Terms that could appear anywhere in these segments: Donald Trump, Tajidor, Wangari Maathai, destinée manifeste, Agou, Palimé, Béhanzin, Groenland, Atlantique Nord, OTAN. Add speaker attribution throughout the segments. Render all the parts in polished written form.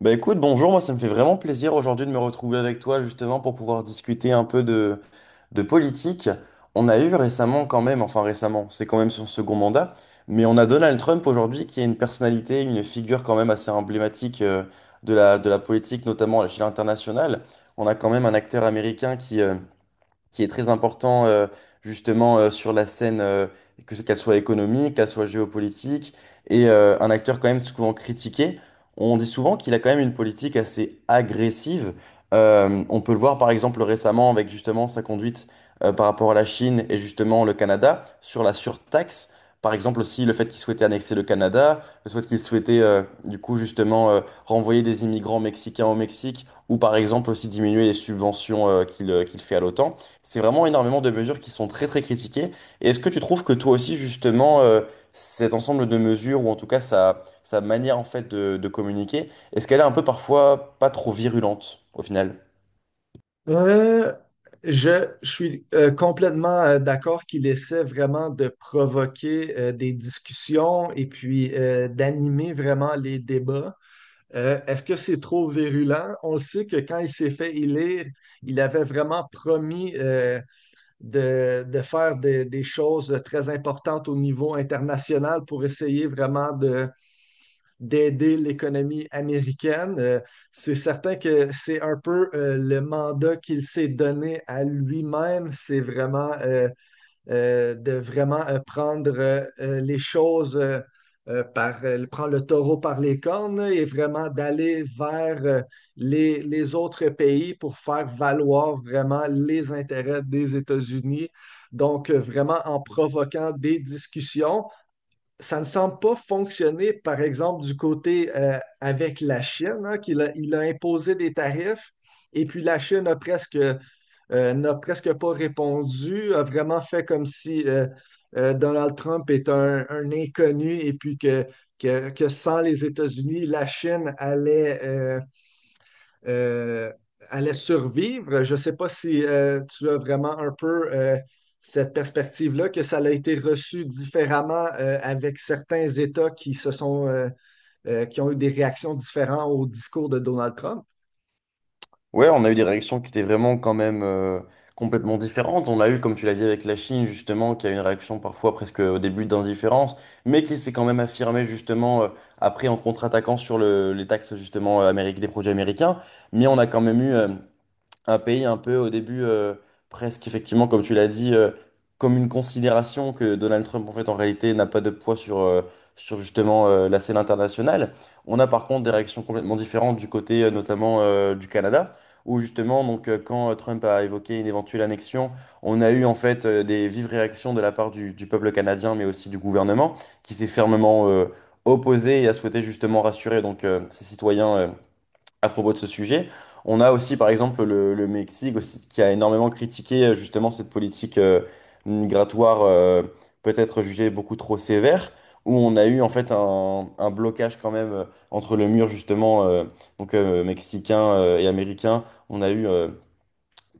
Speaker 1: Bah écoute, bonjour, moi ça me fait vraiment plaisir aujourd'hui de me retrouver avec toi justement pour pouvoir discuter un peu de politique. On a eu récemment quand même, enfin récemment, c'est quand même son second mandat, mais on a Donald Trump aujourd'hui qui est une personnalité, une figure quand même assez emblématique de la politique, notamment à l'échelle internationale. On a quand même un acteur américain qui qui est très important justement sur la scène, qu'elle soit économique, qu'elle soit géopolitique, un acteur quand même souvent critiqué. On dit souvent qu'il a quand même une politique assez agressive. On peut le voir par exemple récemment avec justement sa conduite par rapport à la Chine et justement le Canada sur la surtaxe. Par exemple aussi le fait qu'il souhaitait annexer le Canada, le fait qu'il souhaitait du coup justement renvoyer des immigrants mexicains au Mexique ou par exemple aussi diminuer les subventions qu'il fait à l'OTAN. C'est vraiment énormément de mesures qui sont très très critiquées. Et est-ce que tu trouves que toi aussi justement cet ensemble de mesures ou en tout cas sa manière en fait de communiquer, est-ce qu'elle est un peu parfois pas trop virulente au final?
Speaker 2: Euh, je suis complètement d'accord qu'il essaie vraiment de provoquer des discussions et puis d'animer vraiment les débats. Est-ce que c'est trop virulent? On le sait que quand il s'est fait élire, il avait vraiment promis de faire des choses très importantes au niveau international pour essayer vraiment de d'aider l'économie américaine. C'est certain que c'est un peu le mandat qu'il s'est donné à lui-même, c'est vraiment de vraiment prendre les choses prendre le taureau par les cornes là, et vraiment d'aller vers les autres pays pour faire valoir vraiment les intérêts des États-Unis. Donc, vraiment en provoquant des discussions ça ne semble pas fonctionner, par exemple, du côté avec la Chine, hein, il a imposé des tarifs. Et puis la Chine n'a presque pas répondu, a vraiment fait comme si Donald Trump est un inconnu et puis que sans les États-Unis, la Chine euh, allait survivre. Je ne sais pas si tu as vraiment un peu cette perspective-là, que ça a été reçu différemment avec certains États qui se sont qui ont eu des réactions différentes au discours de Donald Trump.
Speaker 1: Ouais, on a eu des réactions qui étaient vraiment quand même complètement différentes. On l'a eu, comme tu l'as dit, avec la Chine, justement, qui a une réaction parfois presque au début d'indifférence, mais qui s'est quand même affirmée, justement, après en contre-attaquant sur les taxes, justement, des produits américains. Mais on a quand même eu un pays un peu au début, presque effectivement, comme tu l'as dit, comme une considération que Donald Trump, en fait, en réalité, n'a pas de poids sur sur justement la scène internationale. On a par contre des réactions complètement différentes du côté notamment du Canada, où justement, donc, quand Trump a évoqué une éventuelle annexion, on a eu en fait des vives réactions de la part du peuple canadien, mais aussi du gouvernement, qui s'est fermement opposé et a souhaité justement rassurer donc, ses citoyens, à propos de ce sujet. On a aussi, par exemple, le Mexique aussi, qui a énormément critiqué justement cette politique migratoire peut-être jugée beaucoup trop sévère, où on a eu en fait un blocage quand même entre le mur justement mexicain et américain. On a eu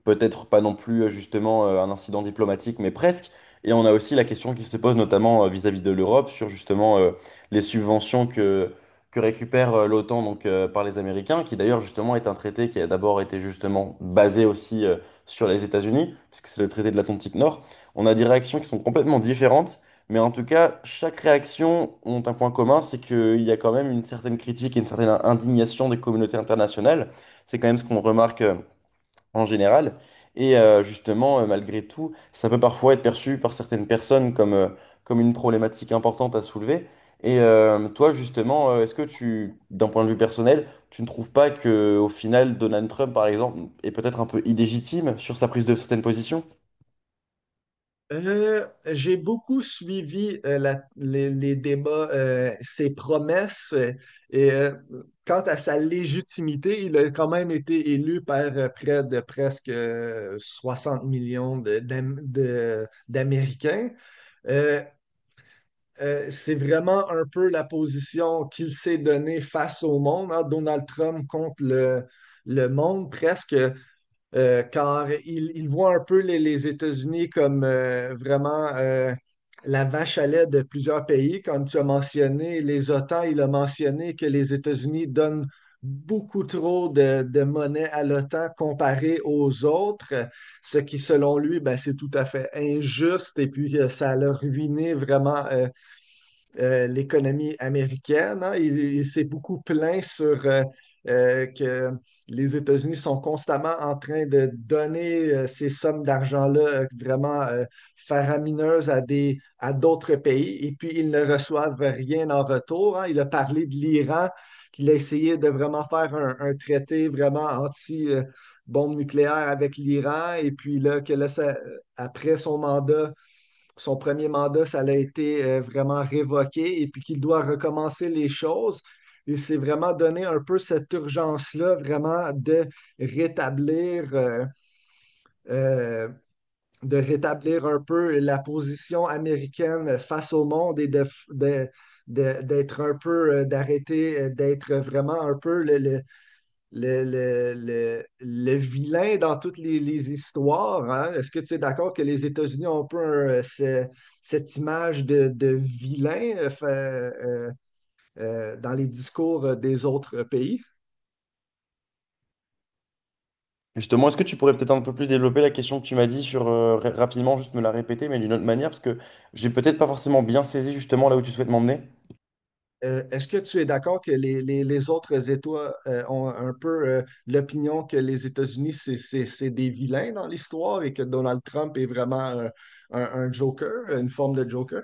Speaker 1: peut-être pas non plus justement un incident diplomatique, mais presque. Et on a aussi la question qui se pose notamment vis-à-vis de l'Europe sur justement les subventions que récupère l'OTAN par les Américains, qui d'ailleurs justement est un traité qui a d'abord été justement basé aussi sur les États-Unis, puisque c'est le traité de l'Atlantique Nord. On a des réactions qui sont complètement différentes. Mais en tout cas, chaque réaction ont un point commun, c'est qu'il y a quand même une certaine critique et une certaine indignation des communautés internationales. C'est quand même ce qu'on remarque en général. Malgré tout, ça peut parfois être perçu par certaines personnes comme une problématique importante à soulever. Toi, justement, est-ce que tu, d'un point de vue personnel, tu ne trouves pas que, au final, Donald Trump, par exemple, est peut-être un peu illégitime sur sa prise de certaines positions?
Speaker 2: J'ai beaucoup suivi les débats, ses promesses et euh, quant à sa légitimité, il a quand même été élu par près de presque 60 millions d'Américains. Euh, c'est vraiment un peu la position qu'il s'est donnée face au monde, hein, Donald Trump contre le monde presque car il voit un peu les États-Unis comme vraiment la vache à lait de plusieurs pays. Comme tu as mentionné, les OTAN, il a mentionné que les États-Unis donnent beaucoup trop de monnaie à l'OTAN comparé aux autres, ce qui, selon lui, ben, c'est tout à fait injuste et puis ça a ruiné vraiment. L'économie américaine, hein. Il s'est beaucoup plaint sur que les États-Unis sont constamment en train de donner ces sommes d'argent-là vraiment faramineuses à à d'autres pays et puis ils ne reçoivent rien en retour, hein. Il a parlé de l'Iran, qu'il a essayé de vraiment faire un traité vraiment anti bombe nucléaire avec l'Iran et puis là, après son premier mandat, ça l'a été vraiment révoqué et puis qu'il doit recommencer les choses. Il s'est vraiment donné un peu cette urgence-là, vraiment de rétablir, euh, euh, de rétablir un peu la position américaine face au monde et de- d'être un peu, d'arrêter, d'être vraiment un peu le vilain dans toutes les histoires, hein. Est-ce que tu es d'accord que les États-Unis ont un peu cette image de vilain dans les discours des autres pays?
Speaker 1: Justement, est-ce que tu pourrais peut-être un peu plus développer la question que tu m'as dit rapidement, juste me la répéter, mais d'une autre manière, parce que j'ai peut-être pas forcément bien saisi justement là où tu souhaites m'emmener.
Speaker 2: Est-ce que tu es d'accord que les autres États ont un peu l'opinion que les États-Unis, c'est des vilains dans l'histoire et que Donald Trump est vraiment un joker, une forme de joker?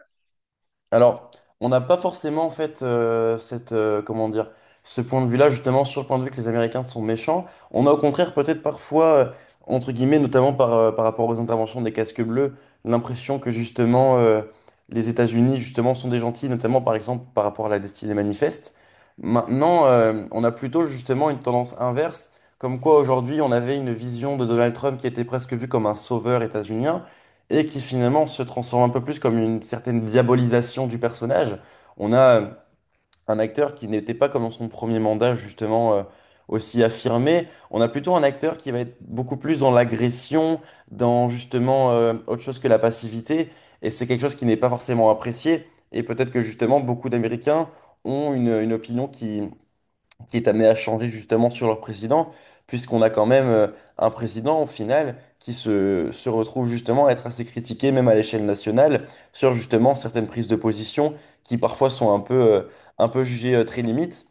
Speaker 1: Alors, on n'a pas forcément en fait cette comment dire ce point de vue-là justement sur le point de vue que les Américains sont méchants. On a au contraire peut-être parfois entre guillemets notamment par rapport aux interventions des casques bleus l'impression que justement les États-Unis justement sont des gentils notamment par exemple par rapport à la destinée manifeste. Maintenant, on a plutôt justement une tendance inverse comme quoi aujourd'hui on avait une vision de Donald Trump qui était presque vu comme un sauveur états-unien et qui finalement se transforme un peu plus comme une certaine diabolisation du personnage. On a un acteur qui n'était pas comme dans son premier mandat justement aussi affirmé. On a plutôt un acteur qui va être beaucoup plus dans l'agression, dans justement autre chose que la passivité. Et c'est quelque chose qui n'est pas forcément apprécié. Et peut-être que justement beaucoup d'Américains ont une opinion qui est amené à changer justement sur leur président, puisqu'on a quand même un président au final qui se retrouve justement à être assez critiqué, même à l'échelle nationale, sur justement certaines prises de position qui parfois sont un peu, un peu jugées très limites.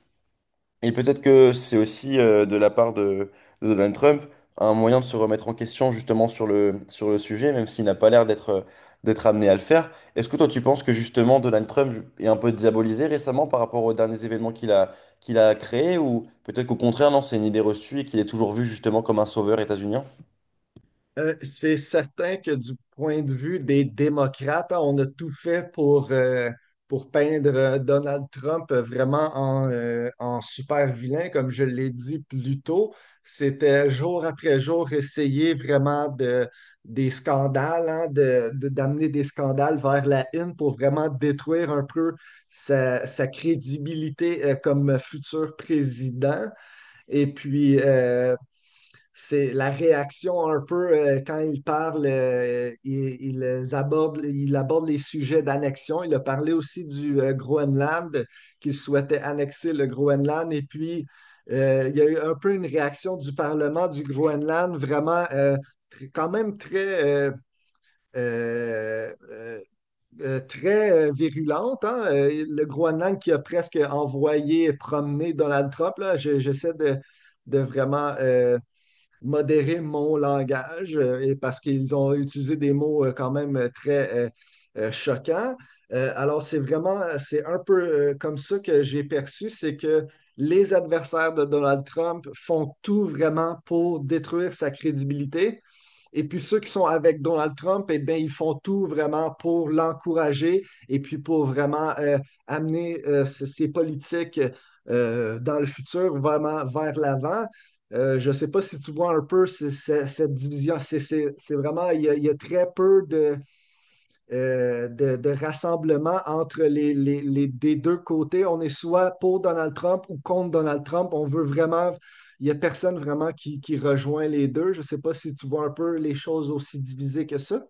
Speaker 1: Et peut-être que c'est aussi de la part de Donald Trump un moyen de se remettre en question justement sur sur le sujet, même s'il n'a pas l'air d'être amené à le faire. Est-ce que toi tu penses que justement Donald Trump est un peu diabolisé récemment par rapport aux derniers événements qu'il a créés, ou peut-être qu'au contraire, non, c'est une idée reçue et qu'il est toujours vu justement comme un sauveur états-unien?
Speaker 2: C'est certain que du point de vue des démocrates, hein, on a tout fait pour peindre Donald Trump vraiment en super vilain, comme je l'ai dit plus tôt. C'était jour après jour essayer vraiment des scandales, hein, d'amener des scandales vers la une pour vraiment détruire un peu sa crédibilité comme futur président. Et puis, c'est la réaction un peu quand il parle, il aborde les sujets d'annexion. Il a parlé aussi du Groenland, qu'il souhaitait annexer le Groenland. Et puis, il y a eu un peu une réaction du Parlement du Groenland, vraiment quand même euh, euh, très virulente, hein. Le Groenland qui a presque envoyé promener Donald Trump, là. J'essaie de vraiment... modérer mon langage et parce qu'ils ont utilisé des mots quand même très choquants. Alors, c'est vraiment, c'est un peu comme ça que j'ai perçu, c'est que les adversaires de Donald Trump font tout vraiment pour détruire sa crédibilité et puis ceux qui sont avec Donald Trump, eh bien, ils font tout vraiment pour l'encourager et puis pour vraiment amener ces politiques dans le futur vraiment vers l'avant. Je ne sais pas si tu vois un peu cette division. C'est vraiment, il y a très peu de rassemblement entre les des deux côtés. On est soit pour Donald Trump ou contre Donald Trump. Il n'y a personne vraiment qui rejoint les deux. Je ne sais pas si tu vois un peu les choses aussi divisées que ça.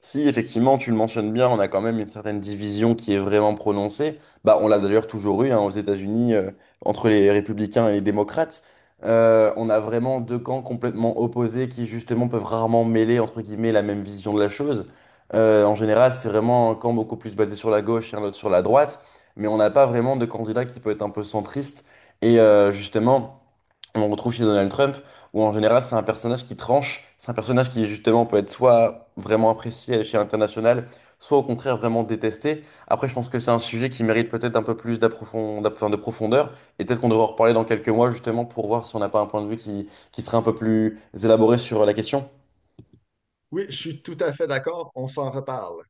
Speaker 1: Si effectivement tu le mentionnes bien, on a quand même une certaine division qui est vraiment prononcée. Bah, on l'a d'ailleurs toujours eu hein, aux États-Unis entre les républicains et les démocrates. On a vraiment deux camps complètement opposés qui justement peuvent rarement mêler entre guillemets la même vision de la chose. En général, c'est vraiment un camp beaucoup plus basé sur la gauche et un autre sur la droite, mais on n'a pas vraiment de candidat qui peut être un peu centriste. Justement on retrouve chez Donald Trump, où en général c'est un personnage qui tranche, c'est un personnage qui justement peut être soit vraiment apprécié à l'échelle internationale, soit au contraire vraiment détesté. Après, je pense que c'est un sujet qui mérite peut-être un peu plus enfin, de profondeur, et peut-être qu'on devrait en reparler dans quelques mois justement pour voir si on n'a pas un point de vue qui serait un peu plus élaboré sur la question.
Speaker 2: Oui, je suis tout à fait d'accord. On s'en reparle.